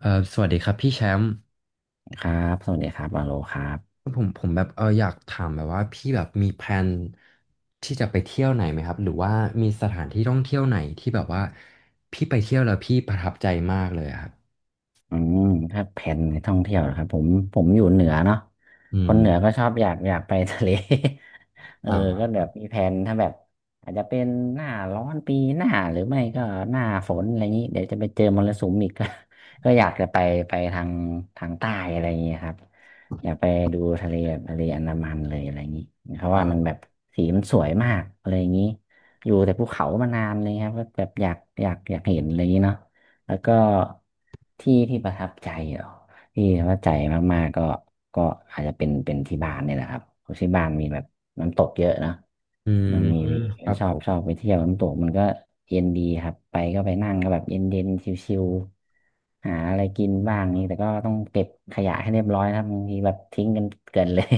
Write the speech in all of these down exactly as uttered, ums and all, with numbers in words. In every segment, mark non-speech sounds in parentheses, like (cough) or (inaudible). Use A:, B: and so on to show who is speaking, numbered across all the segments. A: เอ่อสวัสดีครับพี่แชมป์
B: ครับ สวัสดีครับวาโลครับ
A: ผมผมแบบเอออยากถามแบบว่าพี่แบบมีแพลนที่จะไปเที่ยวไหนไหมครับหรือว่ามีสถานที่ท่องเที่ยวไหนที่แบบว่าพี่ไปเที่ยวแล้วพี่ประทับใจมากเลยอะครับ
B: อืม ถ้าแผนในท่องเที่ยวนะครับผม ผมอยู่เหนือเนาะ
A: อื
B: ค
A: ม
B: นเหนือก็ชอบอยากอยากไปทะเล (laughs) เออ
A: อ่
B: ก็
A: า
B: แบบมีแผนถ้าแบบอาจจะเป็นหน้าร้อนปีหน้าหรือไม่ก็หน้าฝนอะไรอย่างนี้เดี๋ยวจะไปเจอมรสุมอีก (laughs) ก็ก็อยากจะไปไปทางทางใต้อะไรอย่างนี้ครับอยากไปดูทะเลแบบทะเลอันดามันเลยอะไรอย่างนี้เพราะ
A: อ่
B: ว่ามัน
A: า
B: แบบสีมันสวยมากอะไรอย่างนี้อยู่แต่ภูเขามานานเลยครับก็แบบอยากอยากอยากเห็นอะไรอย่างนี้เนาะแล้วก็ที่ที่ประทับใจเหรอ ที่ว่าใจมากๆก็ก็อาจจะเป็นเป็นที่บ้านเนี่ยแหละครับเพราะที่บ้านมีแบบน้ำตกเยอะเนอะ
A: อืม
B: มัมีมี
A: ค
B: ก็
A: รับ
B: ชอ
A: ผ
B: บชอ
A: ม
B: บไปเที่ยวน้ำตกมันก็เย็นดีครับไปก็ไปนั่งก็แบบเย็นเย็นชิวๆหาอะไรกินบ้างนี่แต่ก็ต้องเก็บขยะให้เรียบร้อยนะครับบางทีแบบทิ้งกันเกินเลย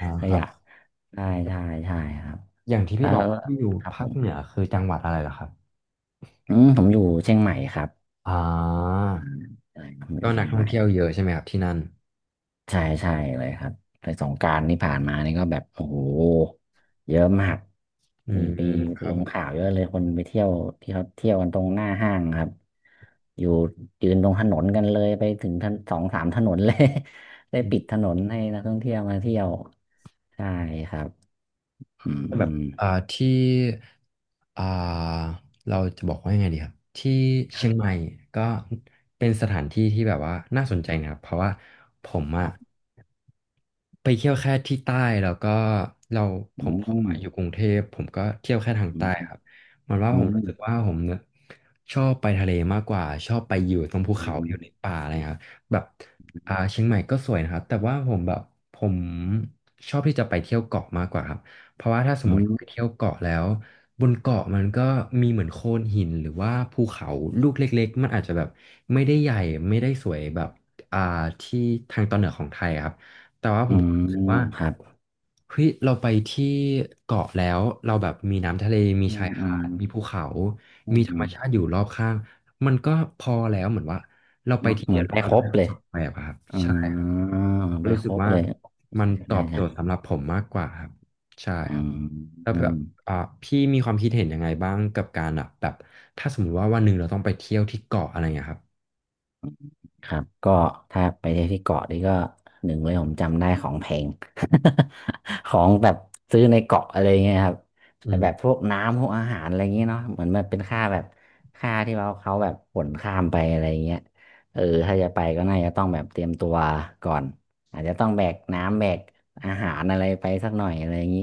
A: อ่า
B: (laughs) ข
A: ครั
B: ยะ
A: บ
B: ใช่ใช่ใช่ครับ
A: อย่างที่
B: แล้
A: พี่
B: ว
A: บอกว่าพี่อยู่
B: ครับผ
A: ภาค
B: ม
A: เหนือคือจังหวัดอะไรเหรอครับ
B: อืมผมอยู่เชียงใหม่ครับ
A: อ่า
B: ใช่ผมอ
A: ก็
B: ยู่
A: นั
B: เชี
A: ก
B: ยง
A: ท่อ
B: ให
A: ง
B: ม่
A: เที่ยวเยอะใช่ไหมครับที่นั่น
B: ใช่ใช่เลยครับไปสงกรานต์ที่ผ่านมานี่ก็แบบโอ้โหเยอะมาก
A: อื
B: มี
A: ม
B: ไป
A: ครั
B: ล
A: บ
B: งข่าวเยอะเลยคนไปเที่ยวที่เขาเที่ยวกันตรงหน้าห้างครับอยู่ยืนตรงถนนกันเลยไปถึงถนนสองสามถนนเลย (laughs) ได้ปิดถนนให้นักท่องเที่ยวมาเที่ยวใช่ครับอืม
A: แบ
B: อื
A: บ
B: ม
A: อ่าที่อ่าเราจะบอกว่ายังไงดีครับที่
B: ค
A: เชี
B: รั
A: ยงให
B: บ
A: ม่ก็เป็นสถานที่ที่แบบว่าน่าสนใจนะครับเพราะว่าผม
B: ค
A: อะ
B: รับ
A: ไปเที่ยวแค่ที่ใต้แล้วก็เราผ
B: อื
A: ม
B: ม
A: ผ
B: อื
A: มมาอยู่กรุงเทพผมก็เที่ยวแค่ทางใต้ครับ
B: ม
A: เหมันว่า
B: อื
A: ผมรู้สึก
B: ม
A: ว่าผมเนี่ยชอบไปทะเลมากกว่าชอบไปอยู่ตรงภู
B: อื
A: เขาอ
B: ม
A: ยู่ในป่าอะไรครับแบบอ่าเชียงใหม่ก็สวยนะครับแต่ว่าผมแบบผมชอบที่จะไปเที่ยวเกาะมากกว่าครับ เพราะว่าถ้าส
B: อื
A: มมติไป
B: ม
A: เที่ยวเกาะแล้วบนเกาะมันก็มีเหมือนโขดหินหรือว่าภูเขาลูกเล็กๆมันอาจจะแบบไม่ได้ใหญ่ไม่ได้สวยแบบอ่าที่ทางตอนเหนือของไทยอะครับแต่ว่าผ
B: อื
A: ม
B: ม
A: รู้สึกว่า
B: ครับ
A: เฮ้ยเราไปที่เกาะแล้วเราแบบมีน้ำทะเลมี
B: อื
A: ชา
B: ม
A: ย
B: อื
A: หา
B: ม
A: ดมีภูเขา
B: อื
A: มี
B: ม
A: ธร
B: อื
A: รม
B: ม
A: ชาติอยู่รอบข้างมันก็พอแล้วเหมือนว่าเราไป
B: เนาะ
A: ที
B: เห
A: เดี
B: มื
A: ย
B: อ
A: ว
B: นไป
A: เรา
B: ค
A: ได้
B: รบ
A: ป
B: เล
A: ระส
B: ย
A: บไปอะครับ
B: อ่
A: ใช่ครับ
B: าไป
A: รู้
B: ค
A: สึก
B: รบ
A: ว่า
B: เลย
A: มั
B: ใช่
A: นตอ
B: ได้
A: บโจ
B: ใช่
A: ทย์สำหรับผมมากกว่าครับใช่
B: อื
A: ครับ
B: ม
A: แล้ว
B: อื
A: แบ
B: ม
A: บอ่าพี่มีความคิดเห็นยังไงบ้างกับการอ่ะแบบถ้าสมมติว่าวันหนึ่งเราต้องไปเที่ยวที่เกาะอะไรเงี้ยครับ
B: ครับก็ถ้าไปเที่ยวที่เกาะนี่ก็หนึ่งเลยผมจำได้ของแพง (laughs) ของแบบซื้อในเกาะอะไรเงี้ยครับ
A: อื
B: แต่แบบ
A: ม
B: พวกน้ำพวกอาหารอะไรเงงี้ยเนาะเหมือนมันเป็นค่าแบบค่าที่เราเขาแบบขนข้ามไปอะไรเงี้ยเออถ้าจะไปก็น่าจะต้องแบบเตรียมตัวก่อนอาจจะต้องแบกน้ำแบกอาหารอะไรไปสักหน่อยอะไรอย่างนี้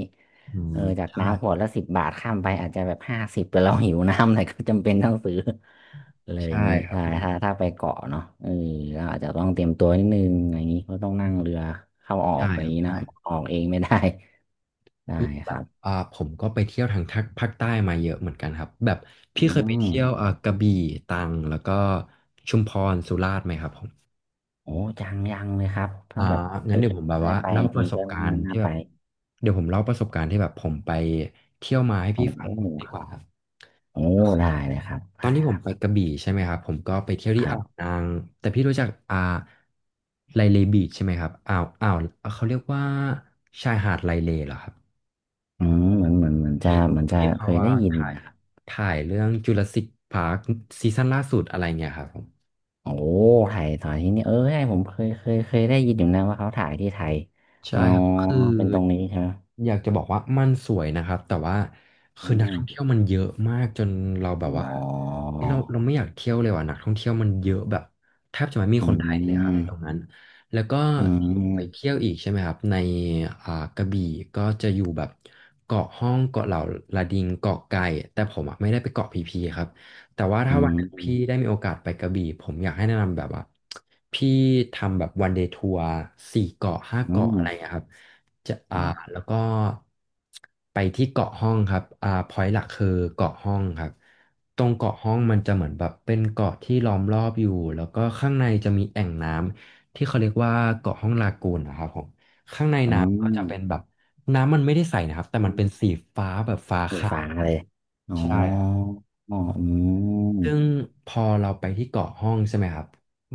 A: อื
B: เอ
A: ม
B: อจาก
A: ใช่
B: น้ำขวดละสิบบาทข้ามไปอาจจะแบบห้าสิบแต่เราหิวน้ำหน่อยก็จำเป็นต้องซื้อ (laughs) เลยอ
A: ใช่
B: ย่างงี้
A: ครับ
B: ใช่ถ้าถ้าไปเกาะเนาะเออก็อาจจะต้องเตรียมตัวนิดนึงอย่างงี้ก็ต้อง
A: อื
B: นั่ง
A: ม
B: เรือเข้าออก
A: ใช่
B: อะไรอ
A: ค
B: ย่า
A: รั
B: ง
A: บ
B: งี้นะ
A: ใช่
B: ออกเองไม่ได้ (laughs) ได้
A: นี่
B: ค
A: แบ
B: รั
A: บ
B: บ
A: อ่าผมก็ไปเที่ยวทางทางภาคใต้มาเยอะเหมือนกันครับแบบ
B: อื
A: พี่เคยไป
B: ม
A: เที่ยวอ่ากระบี่ตรังแล้วก็ชุมพรสุราษฎร์ไหมครับผม
B: โอ้จังยังเลยครับถ้า
A: อ่า
B: แบบเอ
A: งั้น
B: อ
A: เดี๋ยวผมแบบ
B: ได้
A: ว่า
B: ไป
A: เล่า
B: จ
A: ป
B: ริ
A: ระ
B: ง
A: ส
B: ๆก็
A: บกา
B: น่า
A: รณ์
B: น่า
A: ที่แบ
B: ไป
A: บเดี๋ยวผมเล่าประสบการณ์ที่แบบผมไปเที่ยวมาให้
B: โอ้
A: พี่
B: โห
A: ฟังดีกว่าครับ
B: โอ้ได้เลยครับ
A: ตอน
B: ได้
A: ที่ผ
B: ค
A: ม
B: รับ
A: ไปกระบี่ใช่ไหมครับผมก็ไปเที่ยว
B: ค
A: ที่
B: รั
A: อ่าว
B: บ
A: นางแต่พี่รู้จักอ่าไลเลบีชใช่ไหมครับอ่าวอ่าวเขาเรียกว่าชายหาดไลเลเหรอครับ
B: อืมเหมือนเหมือนเหมือนจะ
A: ที่
B: เหมือนจะ
A: ที่
B: เค
A: เขา
B: ย
A: ว่า
B: ได้ยิน
A: ถ่าย
B: นะครับ
A: ถ่ายเรื่องจูราสสิคพาร์คซีซั่นล่าสุดอะไรเงี้ยครับผม
B: โอ้ถ่ายถ่ายที่นี่เออใช่ผมเคยเคยเคยได้ยินอยู่นะว่าเขาถ่ายที่ไทย
A: ใช่
B: อ๋อ
A: ครับคือ
B: เป็นตรงนี้ใช่ไหม
A: อยากจะบอกว่ามันสวยนะครับแต่ว่าคือ
B: อื
A: นัก
B: ม
A: ท่องเที่ยวมันเยอะมากจนเราแบบ
B: อ๋
A: ว่า
B: อ
A: เฮ้ยเราเราไม่อยากเที่ยวเลยว่ะนักท่องเที่ยวมันเยอะแบบแทบจะไม่มี
B: อื
A: คนไทยเลยครับในตรง
B: ม
A: นั้นแล้วก็
B: อื
A: ที่ผมไปเที่
B: ม
A: ยวอีกใช่ไหมครับในอ่ากระบี่ก็จะอยู่แบบเกาะห้องเกาะเหล่าลาดิงเกาะไก่แต่ผมอะไม่ได้ไปเกาะพีพีครับ แต่ว่าถ้า
B: อื
A: วัน
B: ม
A: หนึ่งพี่ได้มีโอกาสไปกระบี่ผมอยากให้แนะนำแบบว่าพี่ทำแบบวันเดย์ทัวร์สี่เกาะห้า
B: อืม
A: เกาะอะ
B: อื
A: ไร
B: ม
A: อย่างเงี้ยครับจะอ่าแล้วก็ไปที่เกาะห้องครับอ่าพอยต์หลักคือเกาะห้องครับตรงเกาะห้องมันจะเหมือนแบบเป็นเกาะที่ล้อมรอบอยู่แล้วก็ข้างในจะมีแอ่งน้ำที่เขาเรียกว่าเกาะห้องลากูนนะครับผมข้างใน
B: อื
A: น้ำก็จะเป็นแบ
B: ม
A: บน้ำมันไม่ได้ใสนะครับแต่มันเป็นสีฟ้าแบบฟ้า
B: สี
A: ขา
B: ฟ้า
A: ว
B: เลยอ๋อ
A: ใช่
B: อ๋ออืม
A: ซึ่งพอเราไปที่เกาะห้องใช่ไหมครับ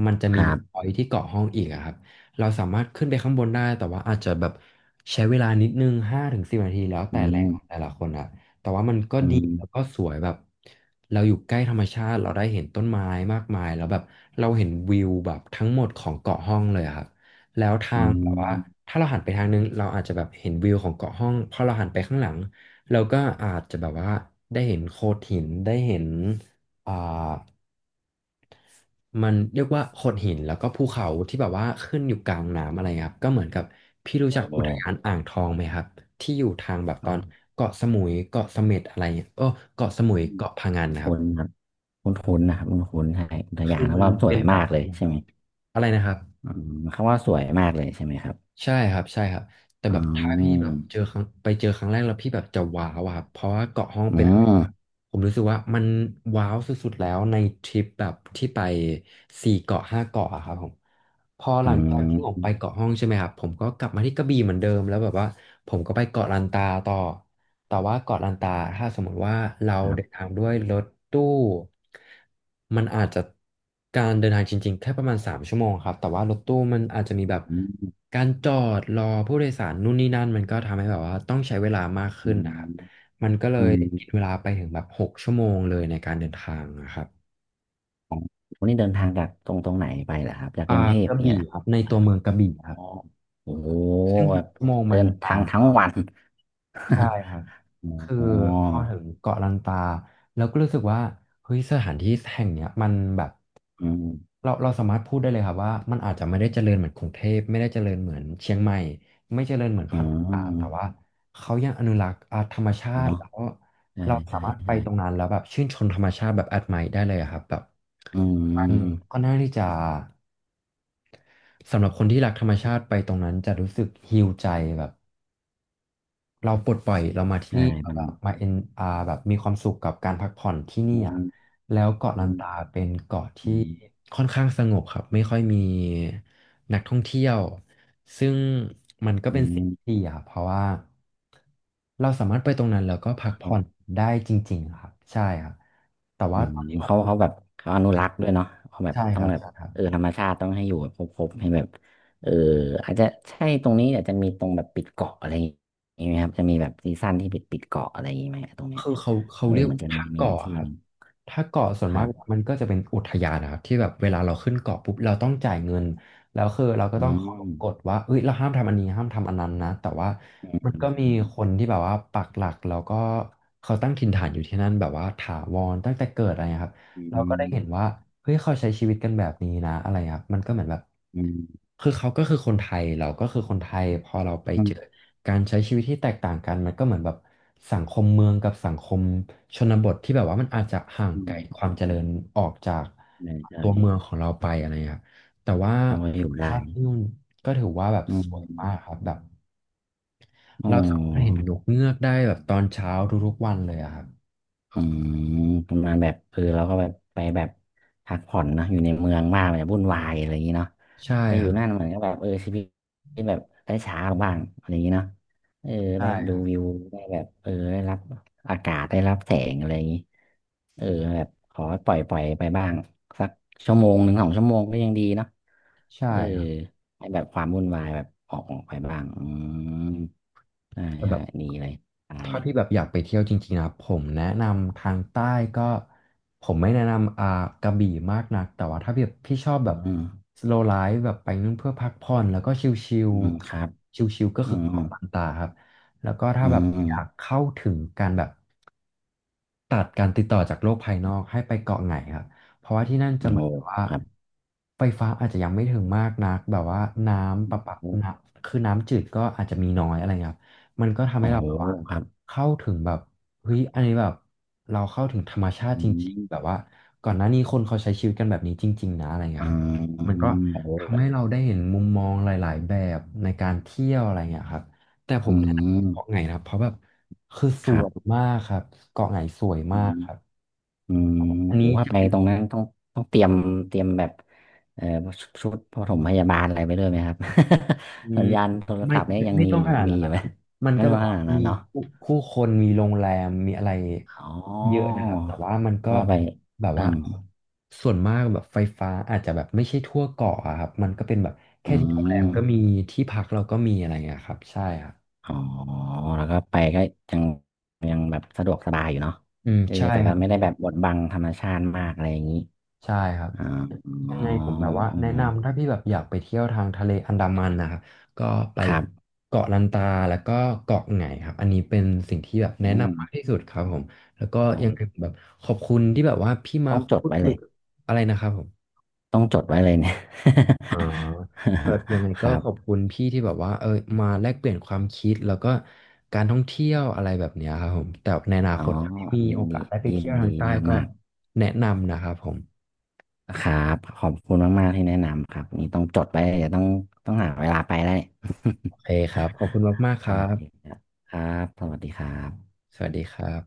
A: มันจะ
B: ค
A: มี
B: รั
A: วิวพ
B: บ
A: อยท์ที่เกาะห้องอีกอะครับเราสามารถขึ้นไปข้างบนได้แต่ว่าอาจจะแบบใช้เวลานิดนึงห้าถึงสิบนาทีแล้ว
B: อื
A: แต่แหล่งของแต่
B: ม
A: ละคนอะแต่ว่ามันก็
B: อื
A: ดี
B: ม
A: แล้วก็สวยแบบเราอยู่ใกล้ธรรมชาติเราได้เห็นต้นไม้มากมายแล้วแบบเราเห็นวิวแบบทั้งหมดของเกาะห้องเลยอะครับแล้วทา
B: อื
A: งแบบว่า
B: ม
A: ถ้าเราหันไปทางนึงเราอาจจะแบบเห็นวิวของเกาะห้องพอเราหันไปข้างหลังเราก็อาจจะแบบว่าได้เห็นโขดหินได้เห็น เอ่ามันเรียกว่าโขดหินแล้วก็ภูเขาที่แบบว่าขึ้นอยู่กลางน้ำอะไรครับก็เหมือนกับพี่รู้จัก
B: โอ้
A: อุทยานอ่างทองไหมครับที่อยู่ทางแบบตอนเกาะสมุยเกาะเสม็ดอะไรเงี้ยโอ้เกาะสมุยเกาะพะงันนะครับ
B: คุ้นครับคุ้นคุ้นนะครับคุ้นๆใช่อุทยา
A: คื
B: น
A: อ
B: แล้ว
A: มัน
B: ว่าสว
A: เป็
B: ย
A: นแบ
B: มา
A: บ
B: กเล
A: นั้
B: ย
A: น
B: ใช่
A: ครั
B: ไห
A: บ
B: ม
A: อะไรนะครับ
B: อืมคำว่าสวยมากเลยใช่ไหมครับ
A: ใช่ครับใช่ครับแต่แบ
B: อ๋
A: บถ้าพี่แบ
B: อ
A: บเจอครั้งไปเจอครั้งแรกแล้วพี่แบบจะว้าวอะครับเพราะว่าเกาะห้อง
B: อ๋อ
A: เป็นอะไรแบบผมรู้สึกว่ามันว้าวสุดๆแล้วในทริปแบบที่ไปสี่เกาะห้าเกาะอะครับผมพอห
B: อ๋
A: ลังจากที่ผม
B: อ
A: ไปเกาะห้องใช่ไหมครับผมก็กลับมาที่กระบี่เหมือนเดิมแล้วแบบว่าผมก็ไปเกาะลันตาต่อแต่ว่าเกาะลันตาถ้าสมมติว่าเรา
B: ครั
A: เดิน
B: บ
A: ทางด้วยรถตู้ มันอาจจะการเดินทางจริงๆแค่ประมาณสามชั่วโมงครับแต่ว่ารถตู้มันอาจจะมีแบบ
B: อืม
A: การจอดรอผู้โดยสารนู่นนี่นั่นมันก็ทำให้แบบว่าต้องใช้เวลามาก
B: อื
A: ขึ้นนะครับ
B: ม
A: มันก็เล
B: อื
A: ย
B: ม
A: กินเวลาไปถึงแบบหกชั่วโมงเลยในการเดินทางนะครับ
B: วันนี้เดินทางจากตรงตรงไหนไปเหรอครับ จากก
A: อ่า
B: รุงเทพ
A: กระ
B: เนี่ย
A: บี่
B: นะ
A: ครับในตัวเมืองกระบี่
B: อ๋อ
A: ครับ
B: โอ้โห
A: ซึ่ง
B: แบ
A: หก
B: บ
A: ชั่วโมงมั
B: เดิ
A: น
B: นทา
A: นา
B: ง
A: น
B: ทั้ง
A: มา
B: วั
A: ก
B: น
A: ใช่ครับคือ
B: (laughs) อ๋อ
A: พอถึงเกาะลันตาแล้วก็รู้สึกว่าเฮ้ยสถานที่แห่งเนี้ยมันแบบ
B: อืม
A: เราเราสามารถพูดได้เลยครับว่ามันอาจจะไม่ได้เจริญเหมือนกรุงเทพไม่ได้เจริญเหมือนเชียงใหม่ไม่เจริญเหมือน
B: อ๋
A: พั
B: อ
A: ทยาแต่ว่าเขายังอนุรักษ์อ่าธรรมชาติ
B: เนาะ
A: แล้ว
B: ใช่
A: เราสา
B: ใช่
A: มารถไป
B: ใช่
A: ตรงนั้นแล้วแบบชื่นชมธรรมชาติแบบแอดไมร์ได้เลยอะครับแบบ
B: อื
A: มัน
B: ม
A: ก่น่้าที่จะสำหรับคนที่รักธรรมชาติไปตรงนั้นจะรู้สึกฮีลใจแบบ เราปลดปล่อยเรามาที่
B: ใช่
A: นี่
B: มั
A: แบ
B: น
A: บมาเอ็นอาแบบมีความสุขกับการพักผ่อนที่นี่
B: อื
A: อ่ะ
B: ม
A: แล้วเกาะลั
B: อื
A: นตา
B: ม
A: เป็นเกาะ
B: อื
A: ที่
B: ม
A: ค่อนข้างสงบครับไม่ค่อยมีนักท่องเที่ยวซึ่งมันก็
B: อื
A: เป็นสิ่งที่ดีอ่ะเพราะว่าเราสามารถไปตรงนั้นแล้วก็พักผ่อน
B: ม
A: ได้จริงๆอะครับใช่ครับแต่
B: อื
A: ว่าต
B: ม
A: อนนี้ผม
B: เขา
A: ก็
B: เขาแบบเขาอนุรักษ์ด้วยเนาะเขาแบบ
A: ใช่
B: ต้
A: ค
B: อง
A: รับ
B: แบบ
A: ใช่ครั
B: เออ
A: บ
B: ธรรมชาติต้องให้อยู่แบบครบๆให้แบบเอออาจจะใช่ตรงนี้อาจจะมีตรงแบบปิดเกาะอะไรอย่างงี้ไหมครับจะมีแบบซีซั่นที่ปิดปิดเกาะอะไรอย่างงี้ไหมตรงเนี้ย
A: คือเขาเขา
B: เออ
A: เรียก
B: เหมือนจะมี
A: ถ้า
B: มีอยู่
A: เกาะอะ
B: ที่
A: ครั
B: ห
A: บ
B: นึง
A: ถ้าเกาะส่ว
B: ค
A: นมา
B: รั
A: ก
B: บ
A: มันก็จะเป็นอุทยานนะครับที่แบบเวลาเราขึ้นเกาะปุ๊บเราต้องจ่ายเงินแล้วคือเราก็
B: อื
A: ต้องเคาร
B: ม
A: พกฎว่าเอ้ยเราห้ามทำอันนี้ห้ามทำอันนั้นนะแต่ว่า
B: อื
A: มันก็มีค
B: ม
A: นที่แบบว่าปักหลักแล้วก็เขาตั้งถิ่นฐานอยู่ที่นั่นแบบว่าถาวรตั้งแต่เกิดอะไรนะครับ
B: อื
A: เราก็ได้เห็น
B: ม
A: ว่าเฮ้ยเขาใช้ชีวิตกันแบบนี้นะอะไรครับมันก็เหมือนแบบ
B: อืม
A: คือเขาก็คือคนไทยเราก็คือคนไทยพอเราไป
B: อื
A: เจอ
B: ม
A: การใช้ชีวิตที่แตกต่างกันมันก็เหมือนแบบสังคมเมืองกับสังคมชนบทที่แบบว่ามันอาจจะห่าง
B: อื
A: ไกลค
B: ม
A: วามเจริญออกจาก
B: ใช่ใช่
A: ตัวเมืองของเราไปอะไรเงี้ยแต่ว่า
B: เขาก็
A: ธร
B: อ
A: ร
B: ยู่
A: ม
B: ได้
A: ชาติที่นู่นก็ถือว่าแบบ
B: อื
A: ส
B: ม
A: วยมากครับแบบ
B: อ๋
A: เราสามารถเห็น
B: อ
A: นกเงือกได้แบบตอนเช้าทุกๆวันเลยอะครับ
B: อืมประมาณแบบเออเราก็แบบไปแบบพักผ่อนเนอะอยู่ในเมืองมากมันจะวุ่นวายอะไรอย่างนี้เนาะ
A: ใช่
B: ไปอ
A: ค
B: ยู่
A: รั
B: นั่น
A: บ
B: เหมือนก็แบบเออชีวิตแบบได้ช้าลงบ้างอะไรอย่างนี้เนาะเออ
A: ใช่
B: ได้
A: ค
B: ดู
A: รับ
B: วิวได้แบบเออได้รับอากาศได้รับแสงอะไรอย่างนี้เออแบบขอปล่อยปล่อยไปบ้างสักชั่วโมงหนึ่งสองชั่วโมงก็ยังดีเนาะเอ
A: ใช่
B: อ
A: ครับ
B: ให้แบบความวุ่นวายแบบออกออกไปบ้างอืมใช่
A: แต่แบ
B: ใช่
A: บ
B: ดีเลยตาย
A: ถ้า
B: นี่
A: พี่แบบอยากไปเที่ยวจริงๆนะผมแนะนำทางใต้ก็ผมไม่แนะนำอ่ากระบี่มากนักแต่ว่าถ้าแบบพี่ชอบแบบ
B: อืม
A: slow life แบบไปนู่นเพื่อพักผ่อนแล้วก็ชิล
B: อืมครับ
A: ๆชิลๆก็
B: อื
A: คือเกาะ
B: ม
A: ลันตาครับแล้วก็ถ้า
B: อื
A: แบบอยาก
B: ม
A: เข้าถึงการแบบ ตัดการติดต่อจากโลกภายนอกให้ไปเกาะไหนครับเพราะว่าที่นั่นจะ
B: โอ้
A: เห
B: โห
A: มือนกับว่า
B: ครับ
A: ไฟฟ้าอาจจะยังไม่ถึงมากนักแบบว่าน้ำประปาน้ำคือน้ำจืดก็อาจจะมีน้อยอะไรเงี้ยครับมันก็ทำ
B: โอ้
A: ให้เรา
B: โห
A: แบบว่า
B: ครับ
A: เข้าถึงแบบเฮ้ยอันนี้แบบเราเข้าถึงธรรมชาติ
B: อื
A: จริงๆ
B: ม
A: แบบว่าก่อนหน้านี้คนเขาใช้ชีวิตกันแบบนี้จริงๆนะอะไรเงี้ย
B: อ่า
A: ครับมัน
B: อื
A: ก็
B: มโอ้โห
A: ทำให้เราได้เห็นมุมมองหลายๆแบบในการเที่ยวอะไรเงี้ยครับ แต่ผ
B: อื
A: มแนะ
B: ม
A: นำเกาะไหงนะครับเพราะแบบคือส
B: ครั
A: ว
B: บ
A: ยมากครับเกาะไหงสวย
B: อื
A: มาก
B: ม
A: ครับ
B: อืม
A: อัน
B: ผ
A: นี้
B: มว่า
A: จะ
B: ไป
A: เป็น
B: ตรงนั้นต้องต้องเตรียมเตรียมแบบเอ่อชุดชุดปฐมพยาบาลอะไรไปด้วยไหมครับ
A: อื
B: (laughs) สั
A: ม
B: ญญาณโทร
A: ไม่
B: ศัพท์เนี่ย
A: ไม่
B: ยัง
A: ไม่
B: มี
A: ต้องขนาด
B: มี
A: นั้น
B: อยู่
A: นะค
B: ไหม
A: รับมัน
B: ไม่
A: ก็
B: น้
A: แบ
B: อ
A: บ
B: งา
A: ว่า
B: นะ
A: มี
B: เนาะ
A: ผู้ผู้คนมีโรงแรมมีอะไร
B: อ๋
A: เยอะ
B: อ
A: นะครับแต่ว่ามันก็
B: ก็ไป
A: แบบ
B: ตั้
A: ว่า
B: ง
A: ส่วนมากแบบไฟฟ้าอาจจะแบบไม่ใช่ทั่วเกาะอะครับมันก็เป็นแบบ
B: อื
A: แค่ที่โรงแรม
B: ม
A: ก็มีที่พักเราก็มีอะไรอย่างเงี้ยครับใช่ครับ
B: อ๋อแล้วก็ไปก็ยังยังแบบสะดวกสบายอยู่เนาะ
A: อืม
B: เออ
A: ใช่
B: แต่
A: ค
B: ว่า
A: รับ
B: ไม่ได้แบบบดบังธรรมชาติมากอะไรอย่างนี้
A: ใช่ครับ
B: อ๋ออ๋
A: ยั
B: อ
A: งไงผมแบบว่า
B: อ๋อ
A: แนะนำถ้าพี่แบบอยากไปเที่ยวทางทะเลอันดามันนะครับก็ไป
B: ครับ
A: เกาะลันตาแล้วก็เกาะไหงครับอันนี้เป็นสิ่งที่แบบแนะ
B: อืม
A: นำมากที่สุดครับผมแล้วก็
B: โอ้
A: ยั
B: โห
A: งไงแบบขอบคุณที่แบบว่าพี่มา
B: ต้องจด
A: พูด
B: ไว้
A: คุ
B: เล
A: ย
B: ย
A: อะไรนะครับผม
B: ต้องจดไว้เลยเนี่ย
A: อ๋อแบบยังไง
B: (laughs) ค
A: ก็
B: รับ
A: ขอบคุณพี่ที่แบบว่าเออมาแลกเปลี่ยนความคิดแล้วก็การท่องเที่ยวอะไรแบบเนี้ยครับผมแต่ในอนา
B: อ๋อ
A: คตถ้าพี่มี
B: ยิ
A: โอ
B: นดี
A: กาสได้ไป
B: ยิน
A: เที่ยวทา
B: ดี
A: งใต้
B: มาก
A: ก็
B: มาก
A: แนะนำนะครับผม
B: ครับขอบคุณมากๆที่แนะนำครับนี่ต้องจดไว้เดี๋ยวต้องต้องหาเวลาไปได้
A: โอเคครับขอบคุณ
B: (laughs)
A: มากๆค
B: โอ
A: รับ
B: เคครับครับสวัสดีครับ
A: สวัสดีครับ